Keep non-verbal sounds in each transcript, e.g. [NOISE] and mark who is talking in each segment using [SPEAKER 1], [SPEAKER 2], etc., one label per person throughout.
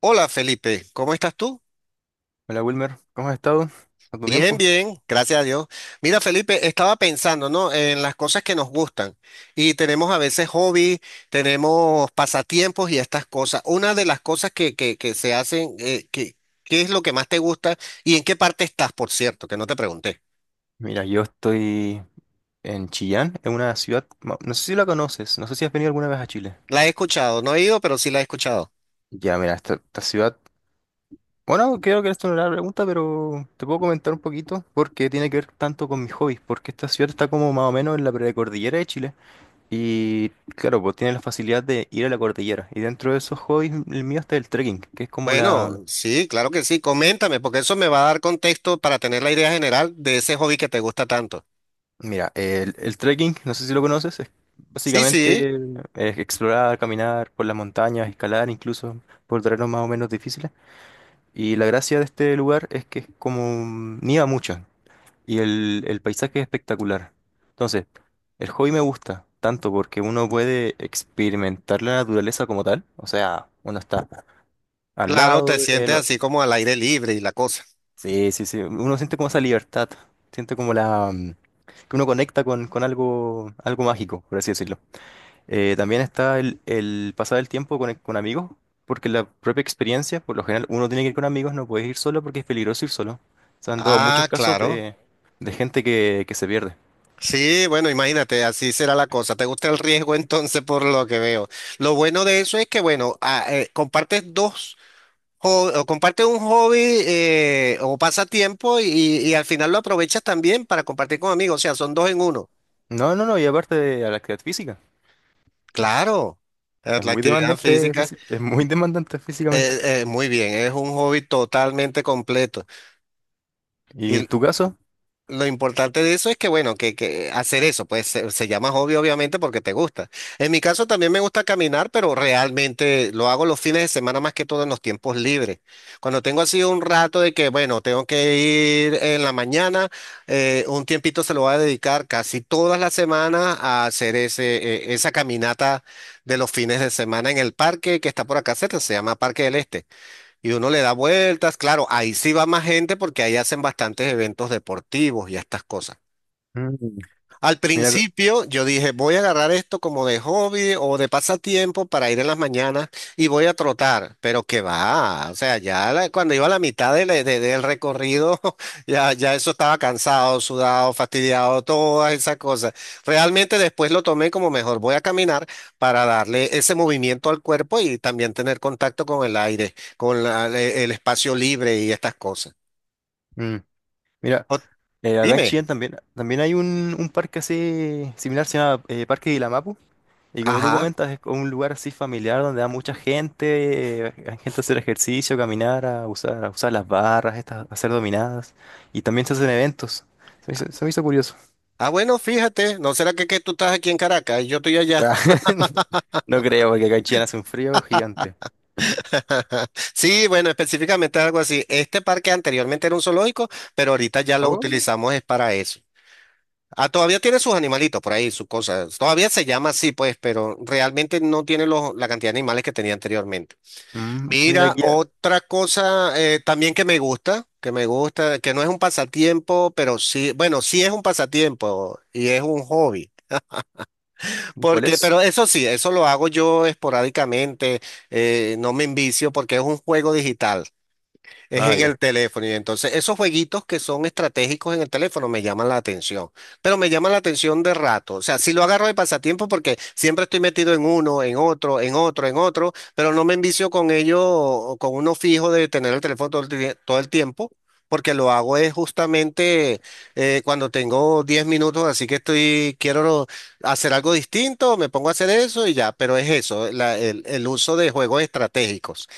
[SPEAKER 1] Hola Felipe, ¿cómo estás tú?
[SPEAKER 2] Hola Wilmer, ¿cómo has estado? ¿Cuánto
[SPEAKER 1] Bien,
[SPEAKER 2] tiempo?
[SPEAKER 1] bien, gracias a Dios. Mira Felipe, estaba pensando, ¿no? En las cosas que nos gustan y tenemos a veces hobby, tenemos pasatiempos y estas cosas. Una de las cosas que se hacen, ¿qué es lo que más te gusta y en qué parte estás, por cierto, que no te pregunté?
[SPEAKER 2] Mira, yo estoy en Chillán, en una ciudad, no sé si la conoces, no sé si has venido alguna vez a Chile.
[SPEAKER 1] La he escuchado, no he ido, pero sí la he escuchado.
[SPEAKER 2] Ya, mira, esta ciudad, bueno, creo que esto no era la pregunta, pero te puedo comentar un poquito porque tiene que ver tanto con mis hobbies, porque esta ciudad está como más o menos en la precordillera de Chile y claro, pues tiene la facilidad de ir a la cordillera y dentro de esos hobbies el mío está el trekking, que es como.
[SPEAKER 1] Bueno, sí, claro que sí, coméntame, porque eso me va a dar contexto para tener la idea general de ese hobby que te gusta tanto.
[SPEAKER 2] Mira, el trekking, no sé si lo conoces, es
[SPEAKER 1] Sí, sí.
[SPEAKER 2] básicamente es explorar, caminar por las montañas, escalar incluso por terrenos más o menos difíciles. Y la gracia de este lugar es que es como nieva mucho y el paisaje es espectacular. Entonces, el hobby me gusta tanto porque uno puede experimentar la naturaleza como tal, o sea, uno está al
[SPEAKER 1] Claro,
[SPEAKER 2] lado
[SPEAKER 1] te
[SPEAKER 2] de
[SPEAKER 1] sientes
[SPEAKER 2] lo-
[SPEAKER 1] así como al aire libre y la cosa.
[SPEAKER 2] Sí, sí, sí, uno siente como esa libertad, siente como que uno conecta con algo mágico, por así decirlo. También está el pasar el tiempo con amigos, porque la propia experiencia, por lo general, uno tiene que ir con amigos, no puedes ir solo porque es peligroso ir solo. Se han dado muchos
[SPEAKER 1] Ah,
[SPEAKER 2] casos
[SPEAKER 1] claro.
[SPEAKER 2] de gente que se pierde.
[SPEAKER 1] Sí, bueno, imagínate, así será la cosa. ¿Te gusta el riesgo [LAUGHS] entonces por lo que veo? Lo bueno de eso es que, bueno, compartes dos, o compartes un hobby o pasatiempo y al final lo aprovechas también para compartir con amigos. O sea, son dos en uno.
[SPEAKER 2] No, no, no, y aparte de la actividad física,
[SPEAKER 1] Claro,
[SPEAKER 2] es
[SPEAKER 1] la
[SPEAKER 2] muy
[SPEAKER 1] actividad
[SPEAKER 2] demandante,
[SPEAKER 1] física,
[SPEAKER 2] es muy demandante físicamente.
[SPEAKER 1] muy bien, es un hobby totalmente completo.
[SPEAKER 2] ¿Y
[SPEAKER 1] Y
[SPEAKER 2] en tu caso?
[SPEAKER 1] lo importante de eso es que, bueno, que hacer eso, pues se llama hobby obviamente porque te gusta. En mi caso también me gusta caminar, pero realmente lo hago los fines de semana más que todo en los tiempos libres. Cuando tengo así un rato de que, bueno, tengo que ir en la mañana, un tiempito se lo voy a dedicar casi todas las semanas a hacer esa caminata de los fines de semana en el parque que está por acá cerca, se llama Parque del Este. Y uno le da vueltas, claro, ahí sí va más gente porque ahí hacen bastantes eventos deportivos y estas cosas.
[SPEAKER 2] Mm.
[SPEAKER 1] Al
[SPEAKER 2] Mira,
[SPEAKER 1] principio yo dije, voy a agarrar esto como de hobby o de pasatiempo para ir en las mañanas y voy a trotar, pero que va, o sea, ya cuando iba a la mitad de del recorrido, [LAUGHS] ya, ya eso estaba cansado, sudado, fastidiado, todas esas cosas. Realmente después lo tomé como mejor, voy a caminar para darle ese movimiento al cuerpo y también tener contacto con el aire, con el espacio libre y estas cosas.
[SPEAKER 2] mm, mira.
[SPEAKER 1] O-
[SPEAKER 2] Acá en
[SPEAKER 1] dime,
[SPEAKER 2] Chillán también hay un parque así similar, se llama Parque Guilamapu. Y como tú
[SPEAKER 1] ajá.
[SPEAKER 2] comentas, es como un lugar así familiar donde va mucha gente, hay gente a hacer ejercicio, caminar, a usar las barras, estas, a hacer dominadas. Y también se hacen eventos. Se me hizo curioso.
[SPEAKER 1] Ah, bueno, fíjate, ¿no será que tú estás aquí en Caracas y yo estoy allá?
[SPEAKER 2] Ah, [LAUGHS] no creo, porque acá en Chillán hace un frío gigante.
[SPEAKER 1] [LAUGHS] Sí, bueno, específicamente algo así. Este parque anteriormente era un zoológico, pero ahorita ya lo
[SPEAKER 2] Oh,
[SPEAKER 1] utilizamos es para eso. Ah, todavía tiene sus animalitos por ahí, sus cosas. Todavía se llama así, pues, pero realmente no tiene la cantidad de animales que tenía anteriormente.
[SPEAKER 2] mira
[SPEAKER 1] Mira,
[SPEAKER 2] aquí,
[SPEAKER 1] otra cosa también que me gusta, que no es un pasatiempo, pero sí, bueno, sí es un pasatiempo y es un hobby.
[SPEAKER 2] ¿cuál
[SPEAKER 1] Porque,
[SPEAKER 2] es?
[SPEAKER 1] pero eso sí, eso lo hago yo esporádicamente, no me envicio porque es un juego digital. Es
[SPEAKER 2] Ah,
[SPEAKER 1] en el
[SPEAKER 2] ya.
[SPEAKER 1] teléfono y entonces esos jueguitos que son estratégicos en el teléfono me llaman la atención, pero me llaman la atención de rato, o sea, si lo agarro de pasatiempo porque siempre estoy metido en uno, en otro, en otro, en otro, pero no me envicio con ello, o con uno fijo de tener el teléfono todo todo el tiempo, porque lo hago es justamente cuando tengo 10 minutos, así que estoy, quiero hacer algo distinto, me pongo a hacer eso y ya, pero es eso, el uso de juegos estratégicos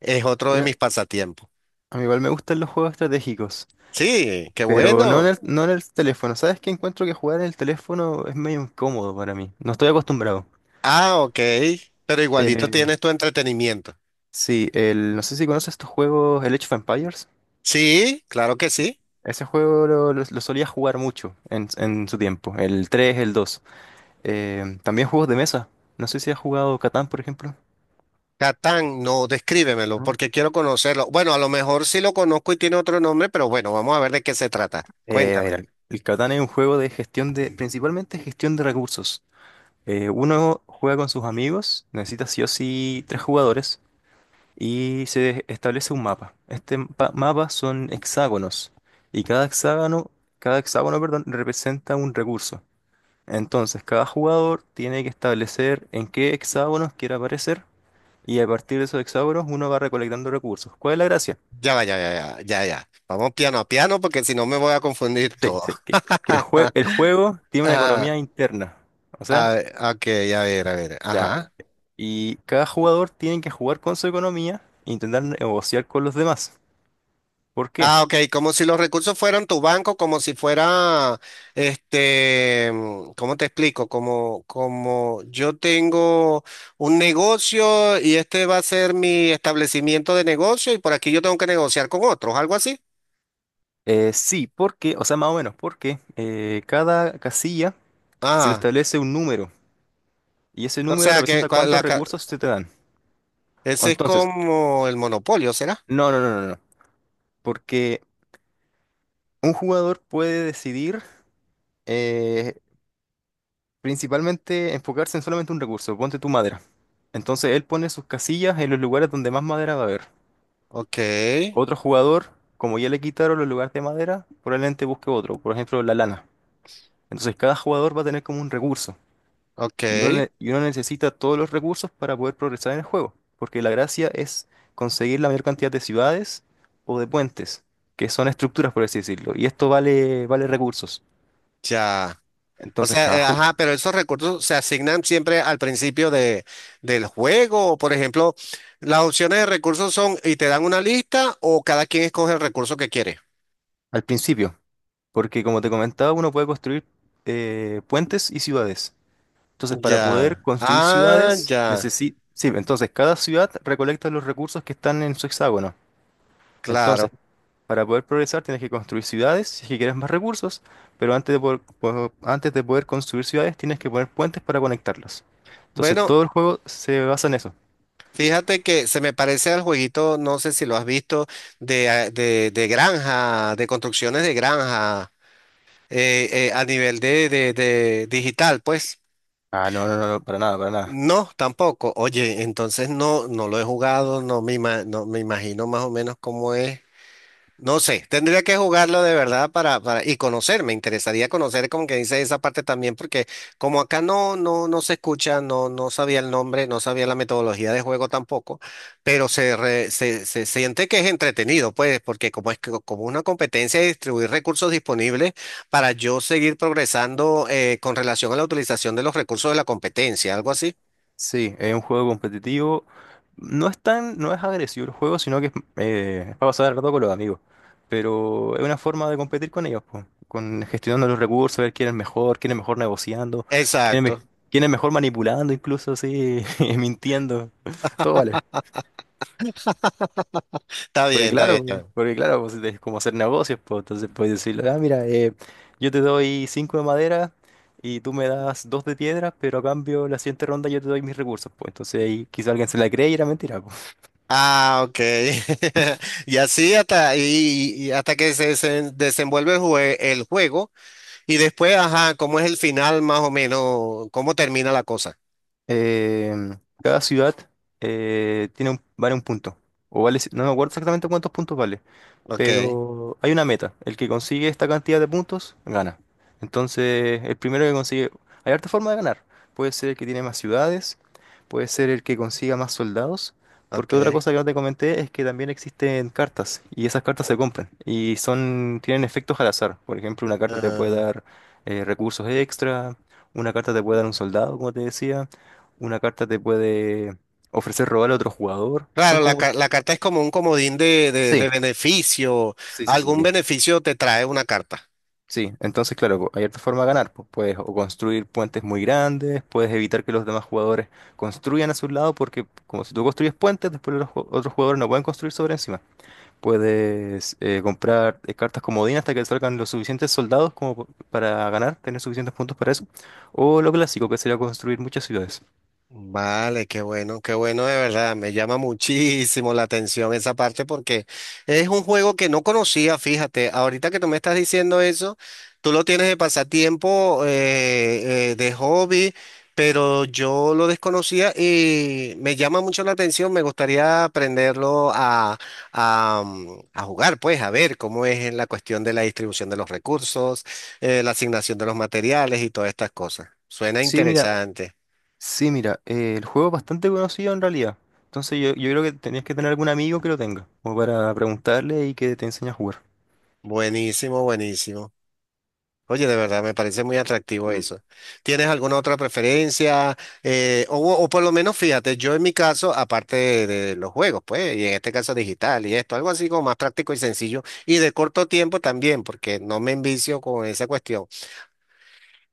[SPEAKER 1] es otro de
[SPEAKER 2] Mira,
[SPEAKER 1] mis pasatiempos.
[SPEAKER 2] a mí igual me gustan los juegos estratégicos.
[SPEAKER 1] Sí, qué
[SPEAKER 2] Pero no en
[SPEAKER 1] bueno.
[SPEAKER 2] el, no en el teléfono. ¿Sabes qué? Encuentro que jugar en el teléfono es medio incómodo para mí. No estoy acostumbrado.
[SPEAKER 1] Ah, ok. Pero igualito
[SPEAKER 2] Eh,
[SPEAKER 1] tienes tu entretenimiento.
[SPEAKER 2] sí, no sé si conoces estos juegos, el Age of Empires.
[SPEAKER 1] Sí, claro que sí.
[SPEAKER 2] Ese juego lo solía jugar mucho en su tiempo, el 3 el dos. También juegos de mesa. No sé si has jugado Catán, por ejemplo.
[SPEAKER 1] Catán, no, descríbemelo
[SPEAKER 2] No.
[SPEAKER 1] porque quiero conocerlo. Bueno, a lo mejor sí lo conozco y tiene otro nombre, pero bueno, vamos a ver de qué se trata.
[SPEAKER 2] A
[SPEAKER 1] Cuéntame.
[SPEAKER 2] ver, el Catán es un juego de gestión de, principalmente gestión de recursos. Uno juega con sus amigos, necesita sí o sí tres jugadores. Y se establece un mapa. Este mapa son hexágonos y cada hexágono, perdón, representa un recurso. Entonces, cada jugador tiene que establecer en qué hexágonos quiere aparecer y a partir de esos hexágonos uno va recolectando recursos. ¿Cuál es la gracia?
[SPEAKER 1] Ya va, ya, ya, ya, ya, ya. Vamos piano a piano porque si no me voy a confundir
[SPEAKER 2] Sí,
[SPEAKER 1] todo.
[SPEAKER 2] sí, que el juego
[SPEAKER 1] [LAUGHS]
[SPEAKER 2] tiene una
[SPEAKER 1] Ah,
[SPEAKER 2] economía interna. O sea,
[SPEAKER 1] ok, a ver, a ver.
[SPEAKER 2] ya.
[SPEAKER 1] Ajá.
[SPEAKER 2] Y cada jugador tiene que jugar con su economía e intentar negociar con los demás. ¿Por qué?
[SPEAKER 1] Ah, ok, como si los recursos fueran tu banco, como si fuera, este, ¿cómo te explico? Como, como yo tengo un negocio y este va a ser mi establecimiento de negocio y por aquí yo tengo que negociar con otros, algo así.
[SPEAKER 2] Sí, porque, o sea, más o menos, porque cada casilla se le
[SPEAKER 1] Ah,
[SPEAKER 2] establece un número y ese
[SPEAKER 1] o
[SPEAKER 2] número
[SPEAKER 1] sea que
[SPEAKER 2] representa cuántos recursos se te dan.
[SPEAKER 1] ese es
[SPEAKER 2] Entonces,
[SPEAKER 1] como el monopolio, ¿será?
[SPEAKER 2] no, no, no, no, no, porque un jugador puede decidir eh, principalmente enfocarse en solamente un recurso, ponte tu madera. Entonces, él pone sus casillas en los lugares donde más madera va a haber.
[SPEAKER 1] Ok,
[SPEAKER 2] Otro jugador, como ya le quitaron los lugares de madera, probablemente busque otro, por ejemplo, la lana. Entonces, cada jugador va a tener como un recurso.
[SPEAKER 1] ok,
[SPEAKER 2] Y uno, uno necesita todos los recursos para poder progresar en el juego, porque la gracia es conseguir la mayor cantidad de ciudades o de puentes, que son estructuras, por así decirlo, y esto vale recursos.
[SPEAKER 1] ya. O
[SPEAKER 2] Entonces,
[SPEAKER 1] sea,
[SPEAKER 2] cada
[SPEAKER 1] ajá, pero esos recursos se asignan siempre al principio de, del juego. Por ejemplo, las opciones de recursos son y te dan una lista o cada quien escoge el recurso que quiere.
[SPEAKER 2] al principio, porque como te comentaba, uno puede construir puentes y ciudades. Entonces, para poder
[SPEAKER 1] Ya.
[SPEAKER 2] construir
[SPEAKER 1] Ah,
[SPEAKER 2] ciudades,
[SPEAKER 1] ya.
[SPEAKER 2] necesita. Sí, entonces cada ciudad recolecta los recursos que están en su hexágono.
[SPEAKER 1] Claro.
[SPEAKER 2] Entonces, para poder progresar tienes que construir ciudades si es que quieres más recursos, pero antes de poder construir ciudades tienes que poner puentes para conectarlas. Entonces
[SPEAKER 1] Bueno,
[SPEAKER 2] todo el juego se basa en eso.
[SPEAKER 1] fíjate que se me parece al jueguito, no sé si lo has visto, de granja, de construcciones de granja, a nivel de digital, pues.
[SPEAKER 2] Ah, no, no, no, no, para nada, para nada.
[SPEAKER 1] No, tampoco. Oye, entonces no, no lo he jugado, no me imagino más o menos cómo es. No sé, tendría que jugarlo de verdad y conocer, me interesaría conocer como que dice esa parte también, porque como acá no, no, no se escucha, no, no sabía el nombre, no sabía la metodología de juego tampoco, pero se siente que es entretenido, pues, porque como una competencia de distribuir recursos disponibles para yo seguir progresando con relación a la utilización de los recursos de la competencia, algo así.
[SPEAKER 2] Sí, es un juego competitivo. No es agresivo el juego, sino que es para pasar el rato con los amigos. Pero es una forma de competir con ellos, po, con gestionando los recursos, ver quién es mejor negociando, quién es, me-
[SPEAKER 1] Exacto.
[SPEAKER 2] quién es mejor manipulando, incluso así, [LAUGHS] mintiendo. Todo vale.
[SPEAKER 1] Está
[SPEAKER 2] Porque
[SPEAKER 1] bien, está bien,
[SPEAKER 2] claro,
[SPEAKER 1] está
[SPEAKER 2] po,
[SPEAKER 1] bien.
[SPEAKER 2] porque claro, pues, es como hacer negocios, pues entonces puedes decirle, ah, mira, yo te doy cinco de madera y tú me das dos de piedra, pero a cambio la siguiente ronda yo te doy mis recursos, pues entonces ahí quizá alguien se la cree y era mentira, pues.
[SPEAKER 1] Ah, ok. [LAUGHS] Y así hasta, y hasta que desenvuelve el juego y después, ajá, ¿cómo es el final más o menos? ¿Cómo termina la cosa?
[SPEAKER 2] Em, Cada ciudad vale un punto, o no me acuerdo exactamente cuántos puntos vale,
[SPEAKER 1] Ok,
[SPEAKER 2] pero hay una meta. El que consigue esta cantidad de puntos, gana. Entonces, el primero que consigue. Hay harta forma de ganar. Puede ser el que tiene más ciudades, puede ser el que consiga más soldados, porque otra
[SPEAKER 1] ok,
[SPEAKER 2] cosa que no te comenté es que también existen cartas, y esas cartas se compran, tienen efectos al azar. Por ejemplo, una carta te puede
[SPEAKER 1] ah.
[SPEAKER 2] dar recursos extra, una carta te puede dar un soldado, como te decía, una carta te puede ofrecer robar a otro jugador.
[SPEAKER 1] Claro,
[SPEAKER 2] Son como.
[SPEAKER 1] la carta es como un comodín de, de
[SPEAKER 2] Sí,
[SPEAKER 1] beneficio.
[SPEAKER 2] sí, sí, sí,
[SPEAKER 1] Algún
[SPEAKER 2] sí.
[SPEAKER 1] beneficio te trae una carta.
[SPEAKER 2] Sí, entonces claro, po, hay otra forma de ganar, pues puedes o construir puentes muy grandes, puedes evitar que los demás jugadores construyan a su lado, porque como si tú construyes puentes, después otros jugadores no pueden construir sobre encima. Puedes comprar cartas comodín hasta que salgan los suficientes soldados para ganar, tener suficientes puntos para eso. O lo clásico, que sería construir muchas ciudades.
[SPEAKER 1] Vale, qué bueno de verdad. Me llama muchísimo la atención esa parte porque es un juego que no conocía, fíjate. Ahorita que tú me estás diciendo eso, tú lo tienes de pasatiempo, de hobby, pero yo lo desconocía y me llama mucho la atención. Me gustaría aprenderlo a jugar, pues, a ver cómo es en la cuestión de la distribución de los recursos, la asignación de los materiales y todas estas cosas. Suena
[SPEAKER 2] Sí, mira,
[SPEAKER 1] interesante.
[SPEAKER 2] sí, mira, el juego es bastante conocido en realidad. Entonces yo creo que tenías que tener algún amigo que lo tenga, como para preguntarle y que te enseñe a jugar.
[SPEAKER 1] Buenísimo, buenísimo. Oye, de verdad, me parece muy atractivo eso. ¿Tienes alguna otra preferencia? O por lo menos, fíjate, yo en mi caso, aparte de los juegos, pues, y en este caso digital y esto, algo así como más práctico y sencillo y de corto tiempo también, porque no me envicio con esa cuestión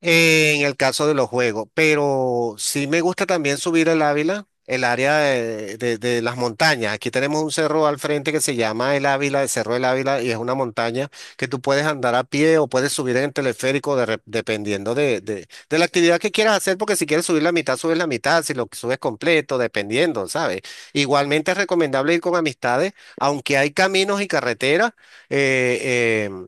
[SPEAKER 1] en el caso de los juegos, pero sí me gusta también subir el Ávila, el área de, de las montañas. Aquí tenemos un cerro al frente que se llama el Ávila, el Cerro del Ávila, y es una montaña que tú puedes andar a pie o puedes subir en teleférico dependiendo de, de la actividad que quieras hacer, porque si quieres subir la mitad, subes la mitad, si lo subes completo, dependiendo, ¿sabes? Igualmente es recomendable ir con amistades, aunque hay caminos y carreteras. eh, eh,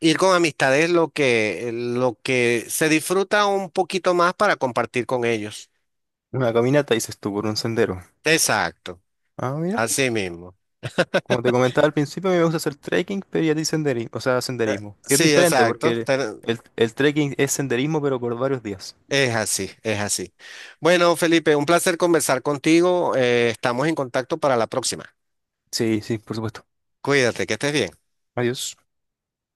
[SPEAKER 1] Ir con amistades es lo que se disfruta un poquito más para compartir con ellos.
[SPEAKER 2] Una caminata, dices tú, por un sendero.
[SPEAKER 1] Exacto,
[SPEAKER 2] Ah, mira.
[SPEAKER 1] así mismo.
[SPEAKER 2] Como te comentaba al principio, a mí me gusta hacer trekking, pero ya di senderismo, o sea, senderismo. Que es
[SPEAKER 1] Sí,
[SPEAKER 2] diferente
[SPEAKER 1] exacto.
[SPEAKER 2] porque el trekking es senderismo, pero por varios días.
[SPEAKER 1] Es así, es así. Bueno, Felipe, un placer conversar contigo. Estamos en contacto para la próxima.
[SPEAKER 2] Sí, sí, por supuesto.
[SPEAKER 1] Cuídate, que estés bien.
[SPEAKER 2] Adiós.